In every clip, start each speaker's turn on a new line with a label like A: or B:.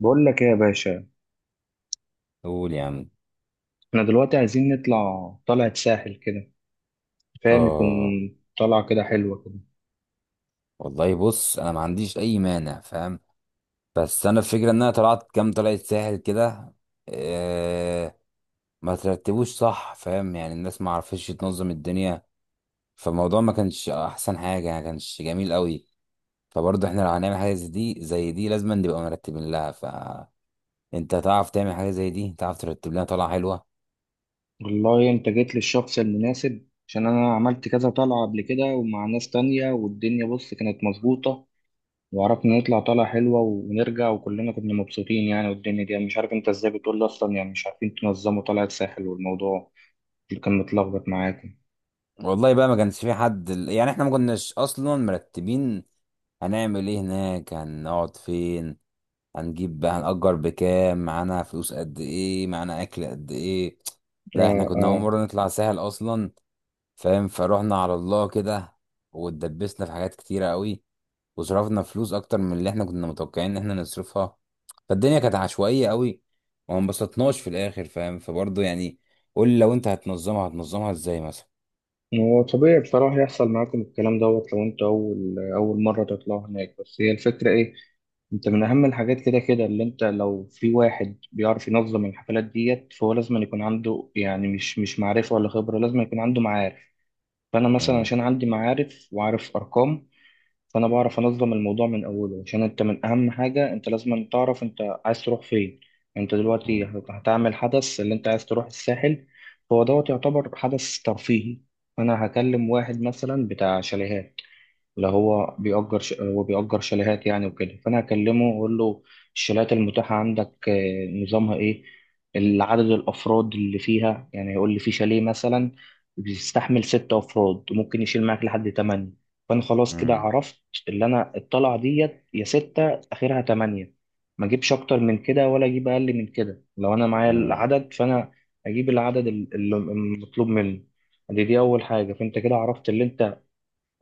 A: بقول لك ايه يا باشا؟
B: قول يا عم.
A: احنا دلوقتي عايزين نطلع طلعة ساحل كده، فاهم يكون
B: اه.
A: طلعة كده حلوة كده.
B: والله بص، انا ما عنديش اي مانع فاهم. بس انا الفكره ان انا طلعت كام طلعت ساحل كده. آه ما ترتبوش صح فاهم، يعني الناس ما عرفتش تنظم الدنيا. فالموضوع ما كانش احسن حاجه، يعني ما كانش جميل قوي. فبرضه احنا لو هنعمل حاجه زي دي لازم نبقى مرتبين لها. فانت تعرف تعمل حاجه زي دي، تعرف ترتب لنا طلعه حلوه.
A: والله انت جيت للشخص المناسب عشان انا عملت كذا طلعة قبل كده ومع ناس تانية، والدنيا بص كانت مظبوطة وعرفنا نطلع طلعة حلوة ونرجع وكلنا كنا مبسوطين يعني. والدنيا دي أنا مش عارف انت ازاي بتقول لي اصلا، يعني مش عارفين تنظموا طلعة ساحل والموضوع اللي كان متلخبط معاكم.
B: والله بقى، ما كانش في حد، يعني احنا ما كناش اصلا مرتبين. هنعمل ايه هناك؟ هنقعد فين؟ هنجيب بقى، هنأجر بكام؟ معانا فلوس قد ايه؟ معانا اكل قد ايه؟ لا،
A: اه.
B: احنا كنا اول
A: آه.
B: مرة نطلع ساحل اصلا. فاهم؟ فروحنا على الله كده، واتدبسنا في حاجات كتيرة قوي، وصرفنا فلوس اكتر من اللي احنا كنا متوقعين ان احنا نصرفها. فالدنيا كانت عشوائية قوي، وما انبسطناش في الاخر فاهم. فبرضه يعني، قول لي لو انت هتنظمها ازاي مثلا؟
A: هو طبيعي بصراحة يحصل معاكم الكلام دوت لو انت أول مرة تطلع هناك، بس هي الفكرة إيه. انت من أهم الحاجات كده كده، اللي انت لو في واحد بيعرف ينظم الحفلات ديت فهو لازم أن يكون عنده، يعني مش معرفة ولا خبرة، لازم يكون عنده معارف. فأنا مثلا
B: مم،
A: عشان عندي معارف وعارف أرقام، فانا بعرف انظم الموضوع من اوله. عشان انت من اهم حاجه انت لازم تعرف انت عايز تروح فين. انت دلوقتي
B: مم،
A: هتعمل حدث، اللي انت عايز تروح الساحل، هو دوت يعتبر حدث ترفيهي. انا هكلم واحد مثلا بتاع شاليهات، اللي هو هو بيأجر شاليهات يعني وكده، فأنا أكلمه وأقول له الشاليهات المتاحة عندك نظامها إيه. العدد الأفراد اللي فيها يعني، يقول لي في شاليه مثلا بيستحمل 6 أفراد وممكن يشيل معاك لحد 8. فأنا خلاص كده
B: مم،
A: عرفت اللي أنا الطلعة ديت يا 6 آخرها 8. ما أجيبش أكتر من كده ولا أجيب أقل من كده لو أنا معايا
B: مم.
A: العدد. فأنا أجيب العدد اللي المطلوب مني. دي أول حاجة. فأنت كده عرفت اللي أنت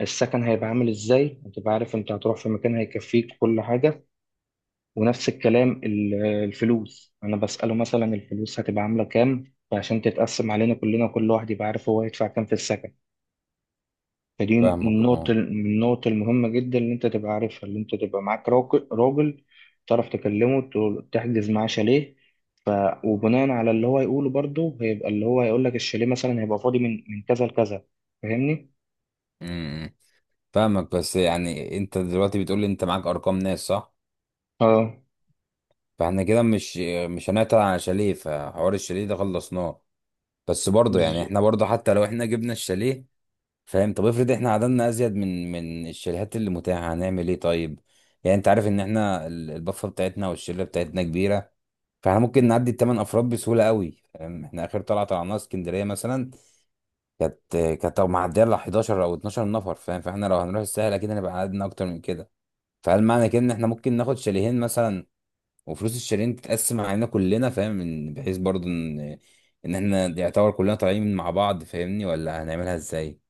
A: السكن هيبقى عامل ازاي، هتبقى عارف انت هتروح في مكان هيكفيك كل حاجة. ونفس الكلام الفلوس انا بسأله مثلا الفلوس هتبقى عاملة كام، فعشان تتقسم علينا كلنا كل واحد يبقى عارف هو هيدفع كام في السكن. فدي
B: فاهمك
A: النقطة
B: اه.
A: النقطة المهمة جدا اللي انت تبقى عارفها، اللي انت تبقى معاك راجل راجل تعرف تكلمه تحجز معاه شاليه. ف... وبناء على اللي هو يقوله برضه هيبقى اللي هو هيقول لك الشاليه مثلا هيبقى فاضي من كذا لكذا. فاهمني؟
B: مم، مم. فاهمك. بس يعني انت دلوقتي بتقول لي انت معاك ارقام ناس، صح؟
A: اه.
B: فاحنا كده مش هنعطل عن شاليه، فحوار الشاليه ده خلصناه. بس برضه يعني، احنا برضه حتى لو احنا جبنا الشاليه، فاهم؟ طب افرض احنا عددنا ازيد من الشاليهات اللي متاحه، هنعمل ايه طيب؟ يعني انت عارف ان احنا البفه بتاعتنا والشله بتاعتنا كبيره. فاحنا ممكن نعدي الثمان افراد بسهوله قوي فاهم. احنا اخر طلعه طلعناها اسكندريه مثلا، كانت كانت معديه ل 11 او 12 نفر فاهم. فاحنا لو هنروح الساحل، اكيد هنبقى عددنا اكتر من كده. فهل معنى كده ان احنا ممكن ناخد شاليهين مثلا، وفلوس الشالين تتقسم علينا كلنا، فاهم؟ من بحيث برضو ان احنا يعتبر كلنا طالعين مع بعض، فاهمني؟ ولا هنعملها ازاي؟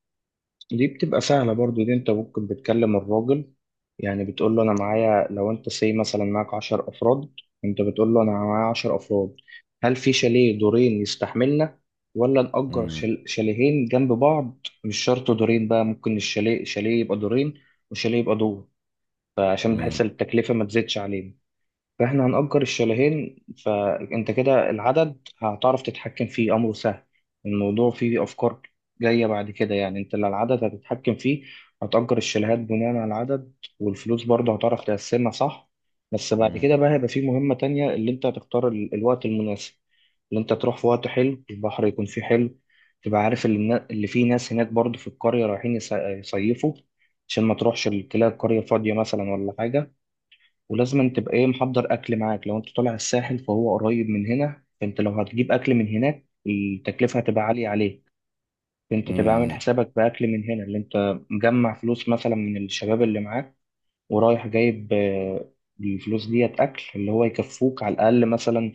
A: دي بتبقى سهلة برضو، دي انت ممكن بتكلم الراجل، يعني بتقول له انا معايا لو انت سي مثلا معاك 10 افراد، انت بتقول له انا معايا 10 افراد، هل في شاليه دورين يستحملنا ولا نأجر
B: امم.
A: شاليهين جنب بعض. مش شرط دورين بقى، ممكن الشاليه يبقى دورين وشاليه يبقى دور، فعشان بحيث
B: امم.
A: التكلفة ما تزيدش علينا. فاحنا هنأجر الشاليهين. فانت كده العدد هتعرف تتحكم فيه، امره سهل. الموضوع فيه افكار جاية بعد كده، يعني انت اللي العدد هتتحكم فيه، هتأجر الشاليهات بناء على العدد، والفلوس برضه هتعرف تقسمها صح. بس بعد
B: امم.
A: كده بقى هيبقى فيه مهمة تانية اللي انت هتختار الوقت المناسب، اللي انت تروح في وقت حلو البحر يكون فيه حلو، تبقى عارف اللي فيه ناس هناك برضه في القرية رايحين يصيفوا، عشان ما تروحش تلاقي القرية فاضية مثلا ولا حاجة. ولازم أن تبقى ايه محضر اكل معاك، لو انت طالع الساحل فهو قريب من هنا، فانت لو هتجيب اكل من هناك التكلفة هتبقى عالية عليك. فانت تبقى عامل
B: امم.
A: حسابك باكل من هنا اللي انت مجمع فلوس مثلا من الشباب اللي معاك، ورايح جايب الفلوس ديت اكل اللي هو يكفوك على الاقل مثلا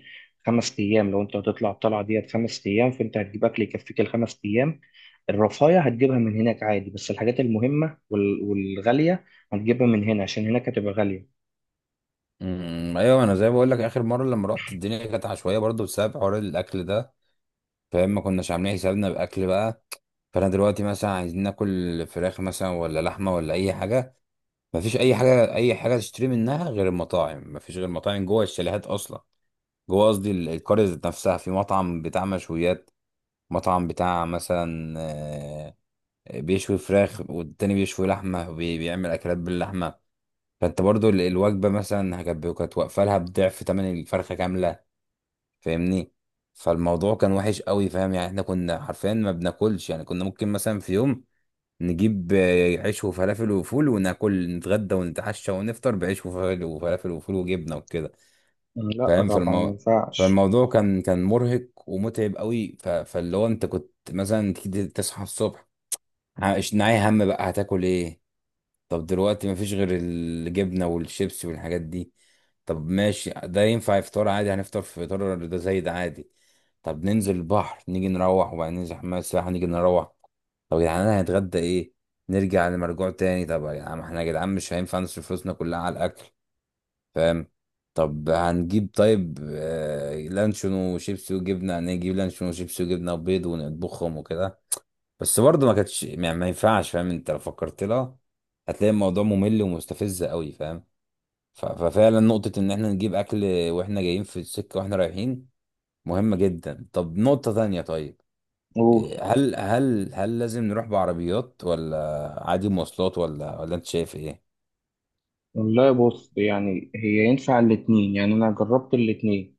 A: 5 ايام. لو انت هتطلع الطلعة ديت 5 ايام فانت هتجيب اكل يكفيك ال 5 ايام. الرفاهية هتجيبها من هناك عادي، بس الحاجات المهمة والغالية هتجيبها من هنا عشان هناك هتبقى غالية.
B: أمم. ايوه، انا زي ما بقول لك، اخر مره لما رحت الدنيا كانت عشوائيه برضو بسبب حوار الاكل ده فاهم. ما كناش عاملين حسابنا باكل بقى. فانا دلوقتي مثلا عايزين ناكل فراخ مثلا، ولا لحمه، ولا اي حاجه. مفيش اي حاجه تشتري منها غير المطاعم. مفيش غير مطاعم جوه الشاليهات اصلا. جوه قصدي القرية ذات نفسها، في مطعم بتاع مشويات، مطعم بتاع مثلا، بيشوي فراخ، والتاني بيشوي لحمة وبيعمل أكلات باللحمة. فأنت برضو الوجبة مثلا كانت واقفة لها بضعف تمن الفرخة كاملة، فاهمني. فالموضوع كان وحش قوي فاهم، يعني احنا كنا حرفيا ما بناكلش. يعني كنا ممكن مثلا في يوم نجيب عيش وفلافل وفول، وناكل نتغدى ونتعشى ونفطر بعيش وفلافل وفول وجبنة وكده،
A: لا
B: فاهم.
A: طبعا ما
B: فالموضوع
A: ينفعش.
B: فالموضوع كان مرهق ومتعب قوي. فاللي هو انت كنت مثلا تيجي تصحى الصبح، مش ناعي هم بقى، هتاكل ايه؟ طب دلوقتي مفيش غير الجبنة والشيبسي والحاجات دي. طب ماشي، ده ينفع افطار عادي، هنفطر في فطار ده زي ده عادي. طب ننزل البحر، نيجي نروح. وبعدين ننزل حمام السباحة، نيجي نروح. طب يا جدعان هنتغدى ايه؟ نرجع لمرجوع تاني. طب يا جدعان، ما احنا يا جدعان مش هينفع نصرف فلوسنا كلها على الاكل فاهم. طب هنجيب طيب لانشون وشيبسي وجبنة، هنجيب لانشون وشيبسي وجبنة وبيض ونطبخهم وكده. بس برضه ما كانتش، يعني ما ينفعش فاهم. انت لو فكرت لها، هتلاقي الموضوع ممل ومستفز قوي فاهم. ففعلا نقطة ان احنا نجيب اكل واحنا جايين في السكة، واحنا رايحين، مهمة جدا. طب نقطة تانية طيب،
A: قول.
B: إيه، هل لازم نروح بعربيات ولا عادي مواصلات؟ ولا انت شايف ايه؟
A: والله بص، يعني هي ينفع الاتنين، يعني انا جربت الاتنين،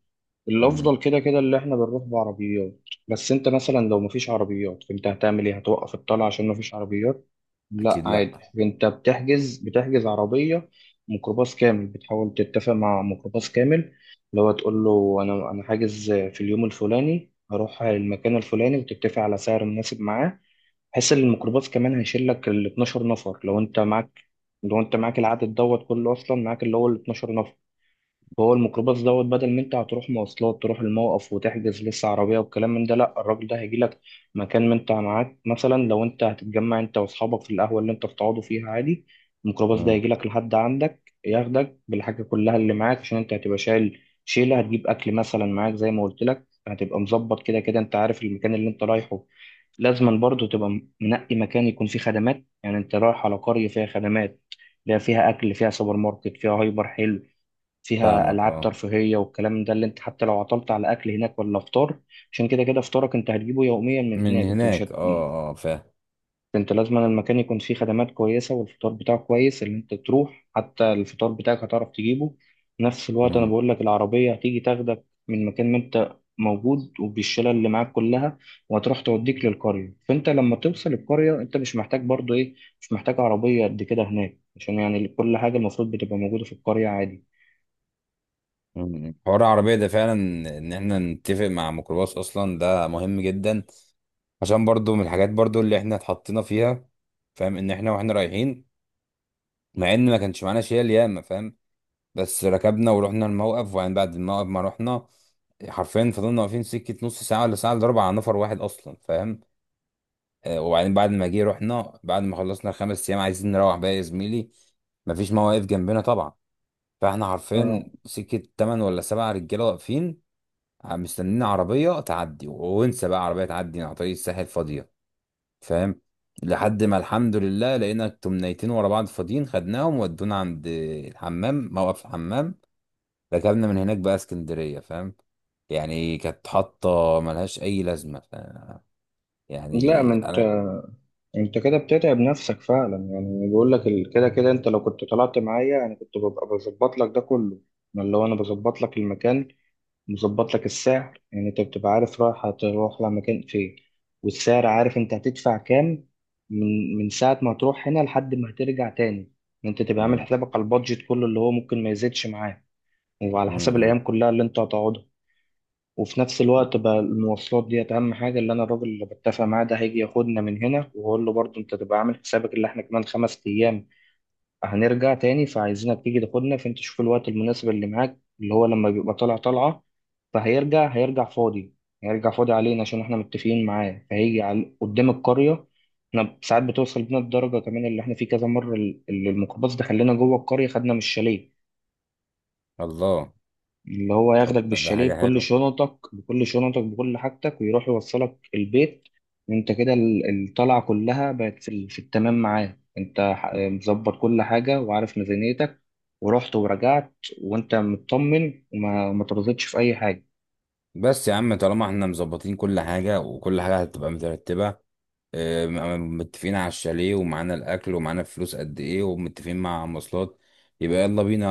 B: امم.
A: الافضل كده كده اللي احنا بنروح بعربيات. بس انت مثلا لو مفيش عربيات انت هتعمل ايه، هتوقف الطلعه عشان مفيش عربيات؟ لا
B: اكيد
A: عادي
B: لا.
A: انت بتحجز عربيه ميكروباص كامل، بتحاول تتفق مع ميكروباص كامل، لو هتقول له انا حاجز في اليوم الفلاني هروح المكان الفلاني، وتتفق على سعر مناسب معاه، بحيث ان الميكروباص كمان هيشيل لك ال 12 نفر لو انت معاك، لو انت معاك العدد دوت كله اصلا معاك اللي هو ال 12 نفر. هو الميكروباص دوت بدل ما انت هتروح مواصلات تروح الموقف وتحجز لسه عربية والكلام من ده، لا الراجل ده هيجيلك مكان ما انت معاك، مثلا لو انت هتتجمع انت واصحابك في القهوة اللي انت بتقعدوا فيها عادي، الميكروباص ده
B: امم.
A: هيجيلك لحد عندك ياخدك بالحاجة كلها اللي معاك عشان انت هتبقى شايل شيلة، هتجيب أكل مثلا معاك زي ما قلت لك، هتبقى مظبط كده كده، انت عارف المكان اللي انت رايحه. لازما برضه تبقى منقي مكان يكون فيه خدمات، يعني انت رايح على قرية فيها خدمات، لا فيها أكل فيها سوبر ماركت فيها هايبر حلو، فيها
B: فاهمك
A: العاب
B: اه.
A: ترفيهيه والكلام ده، اللي انت حتى لو عطلت على اكل هناك ولا فطار، عشان كده كده فطارك انت هتجيبه يوميا من
B: من
A: هناك، انت مش
B: هناك،
A: هت...
B: اه اه فاهم.
A: انت لازم المكان يكون فيه خدمات كويسه والفطار بتاعه كويس، اللي انت تروح حتى الفطار بتاعك هتعرف تجيبه. نفس الوقت انا
B: مم.
A: بقول لك العربيه هتيجي تاخدك من مكان ما انت موجود وبالشلة اللي معاك كلها، وهتروح توديك للقرية. فانت لما توصل القرية انت مش محتاج برضو ايه، مش محتاج عربية قد كده هناك، عشان يعني كل حاجة المفروض بتبقى موجودة في القرية عادي.
B: مم. حوار العربية ده فعلا، ان احنا نتفق مع ميكروباص اصلا، ده مهم جدا. عشان برضو من الحاجات برضو اللي احنا اتحطينا فيها فاهم، ان احنا واحنا رايحين، مع ان ما كانش معانا شيل ياما فاهم، بس ركبنا ورحنا الموقف، وبعدين بعد الموقف ما رحنا، حرفيا فضلنا واقفين سكة نص ساعة، ولا ساعة الا ربع، على نفر واحد اصلا فاهم. وبعدين بعد ما جه رحنا، بعد ما خلصنا الخمس ايام عايزين نروح بقى يا زميلي، مفيش مواقف جنبنا طبعا. فاحنا حرفيا
A: اه.
B: سكة، تمن ولا سبع رجالة واقفين مستنيين عربية تعدي، وانسى بقى عربية تعدي على طريق الساحل فاضية فاهم. لحد ما الحمد لله لقينا تمنيتين ورا بعض فاضيين، خدناهم ودونا عند الحمام، موقف الحمام، ركبنا من هناك بقى اسكندرية فاهم. يعني كانت حاطة ملهاش أي لازمة. ف...
A: لا ما
B: يعني
A: انت
B: أنا
A: انت كده بتتعب نفسك فعلا يعني، بقول لك كده كده انت لو كنت طلعت معايا انا كنت ببقى بظبط لك ده كله، انا اللي هو انا بظبط لك المكان، مظبط لك السعر، يعني انت بتبقى عارف رايح هتروح لمكان فين، والسعر عارف انت هتدفع كام، من ساعة ما هتروح هنا لحد ما هترجع تاني. يعني انت تبقى عامل
B: مم.
A: حسابك على البادجت كله اللي هو ممكن ما يزيدش معاه، وعلى حسب الايام
B: مم.
A: كلها اللي انت هتقعدها. وفي نفس
B: مم.
A: الوقت بقى المواصلات ديت أهم حاجة، اللي أنا الراجل اللي بتفق معاه ده هيجي ياخدنا من هنا، وأقول له برضه أنت تبقى عامل حسابك اللي إحنا كمان 5 أيام هنرجع تاني، فعايزينك تيجي تاخدنا، فأنت شوف الوقت المناسب اللي معاك اللي هو لما بيبقى طالع طالعة فهيرجع، هيرجع فاضي هيرجع فاضي علينا عشان إحنا متفقين معاه، فهيجي على قدام القرية. إحنا ساعات بتوصل بينا الدرجة كمان اللي إحنا فيه كذا مرة اللي الميكروباص ده خلينا جوه القرية خدنا من الشاليه،
B: الله.
A: اللي هو
B: طب
A: ياخدك
B: ده
A: بالشاليه
B: حاجة حلوة.
A: بكل شنطك بكل حاجتك ويروح يوصلك البيت. وانت كده الطلعة كلها بقت في التمام معاه، انت مظبط كل حاجة وعارف ميزانيتك، ورحت ورجعت وانت مطمن وما ترضتش في اي حاجة.
B: بس يا عم، طالما احنا مظبطين كل حاجة، وكل حاجة هتبقى مترتبة، متفقين على الشاليه، ومعانا الاكل، ومعانا فلوس قد ايه، ومتفقين مع مواصلات، يبقى يلا بينا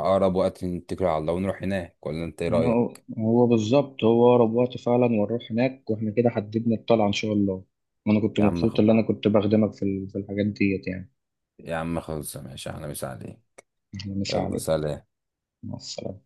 B: اقرب وقت، نتكل على الله ونروح هناك، ولا انت ايه
A: هو
B: رايك؟
A: هو بالظبط، هو أقرب وقت فعلا ونروح هناك، واحنا كده حددنا الطلعة إن شاء الله. وأنا كنت
B: يا عم خ...
A: مبسوط إن أنا كنت بخدمك في في الحاجات ديت يعني.
B: يا عم خلص ماشي، احنا مش عليه.
A: إحنا مسا
B: يلا
A: عليك.
B: سلام.
A: مع السلامة.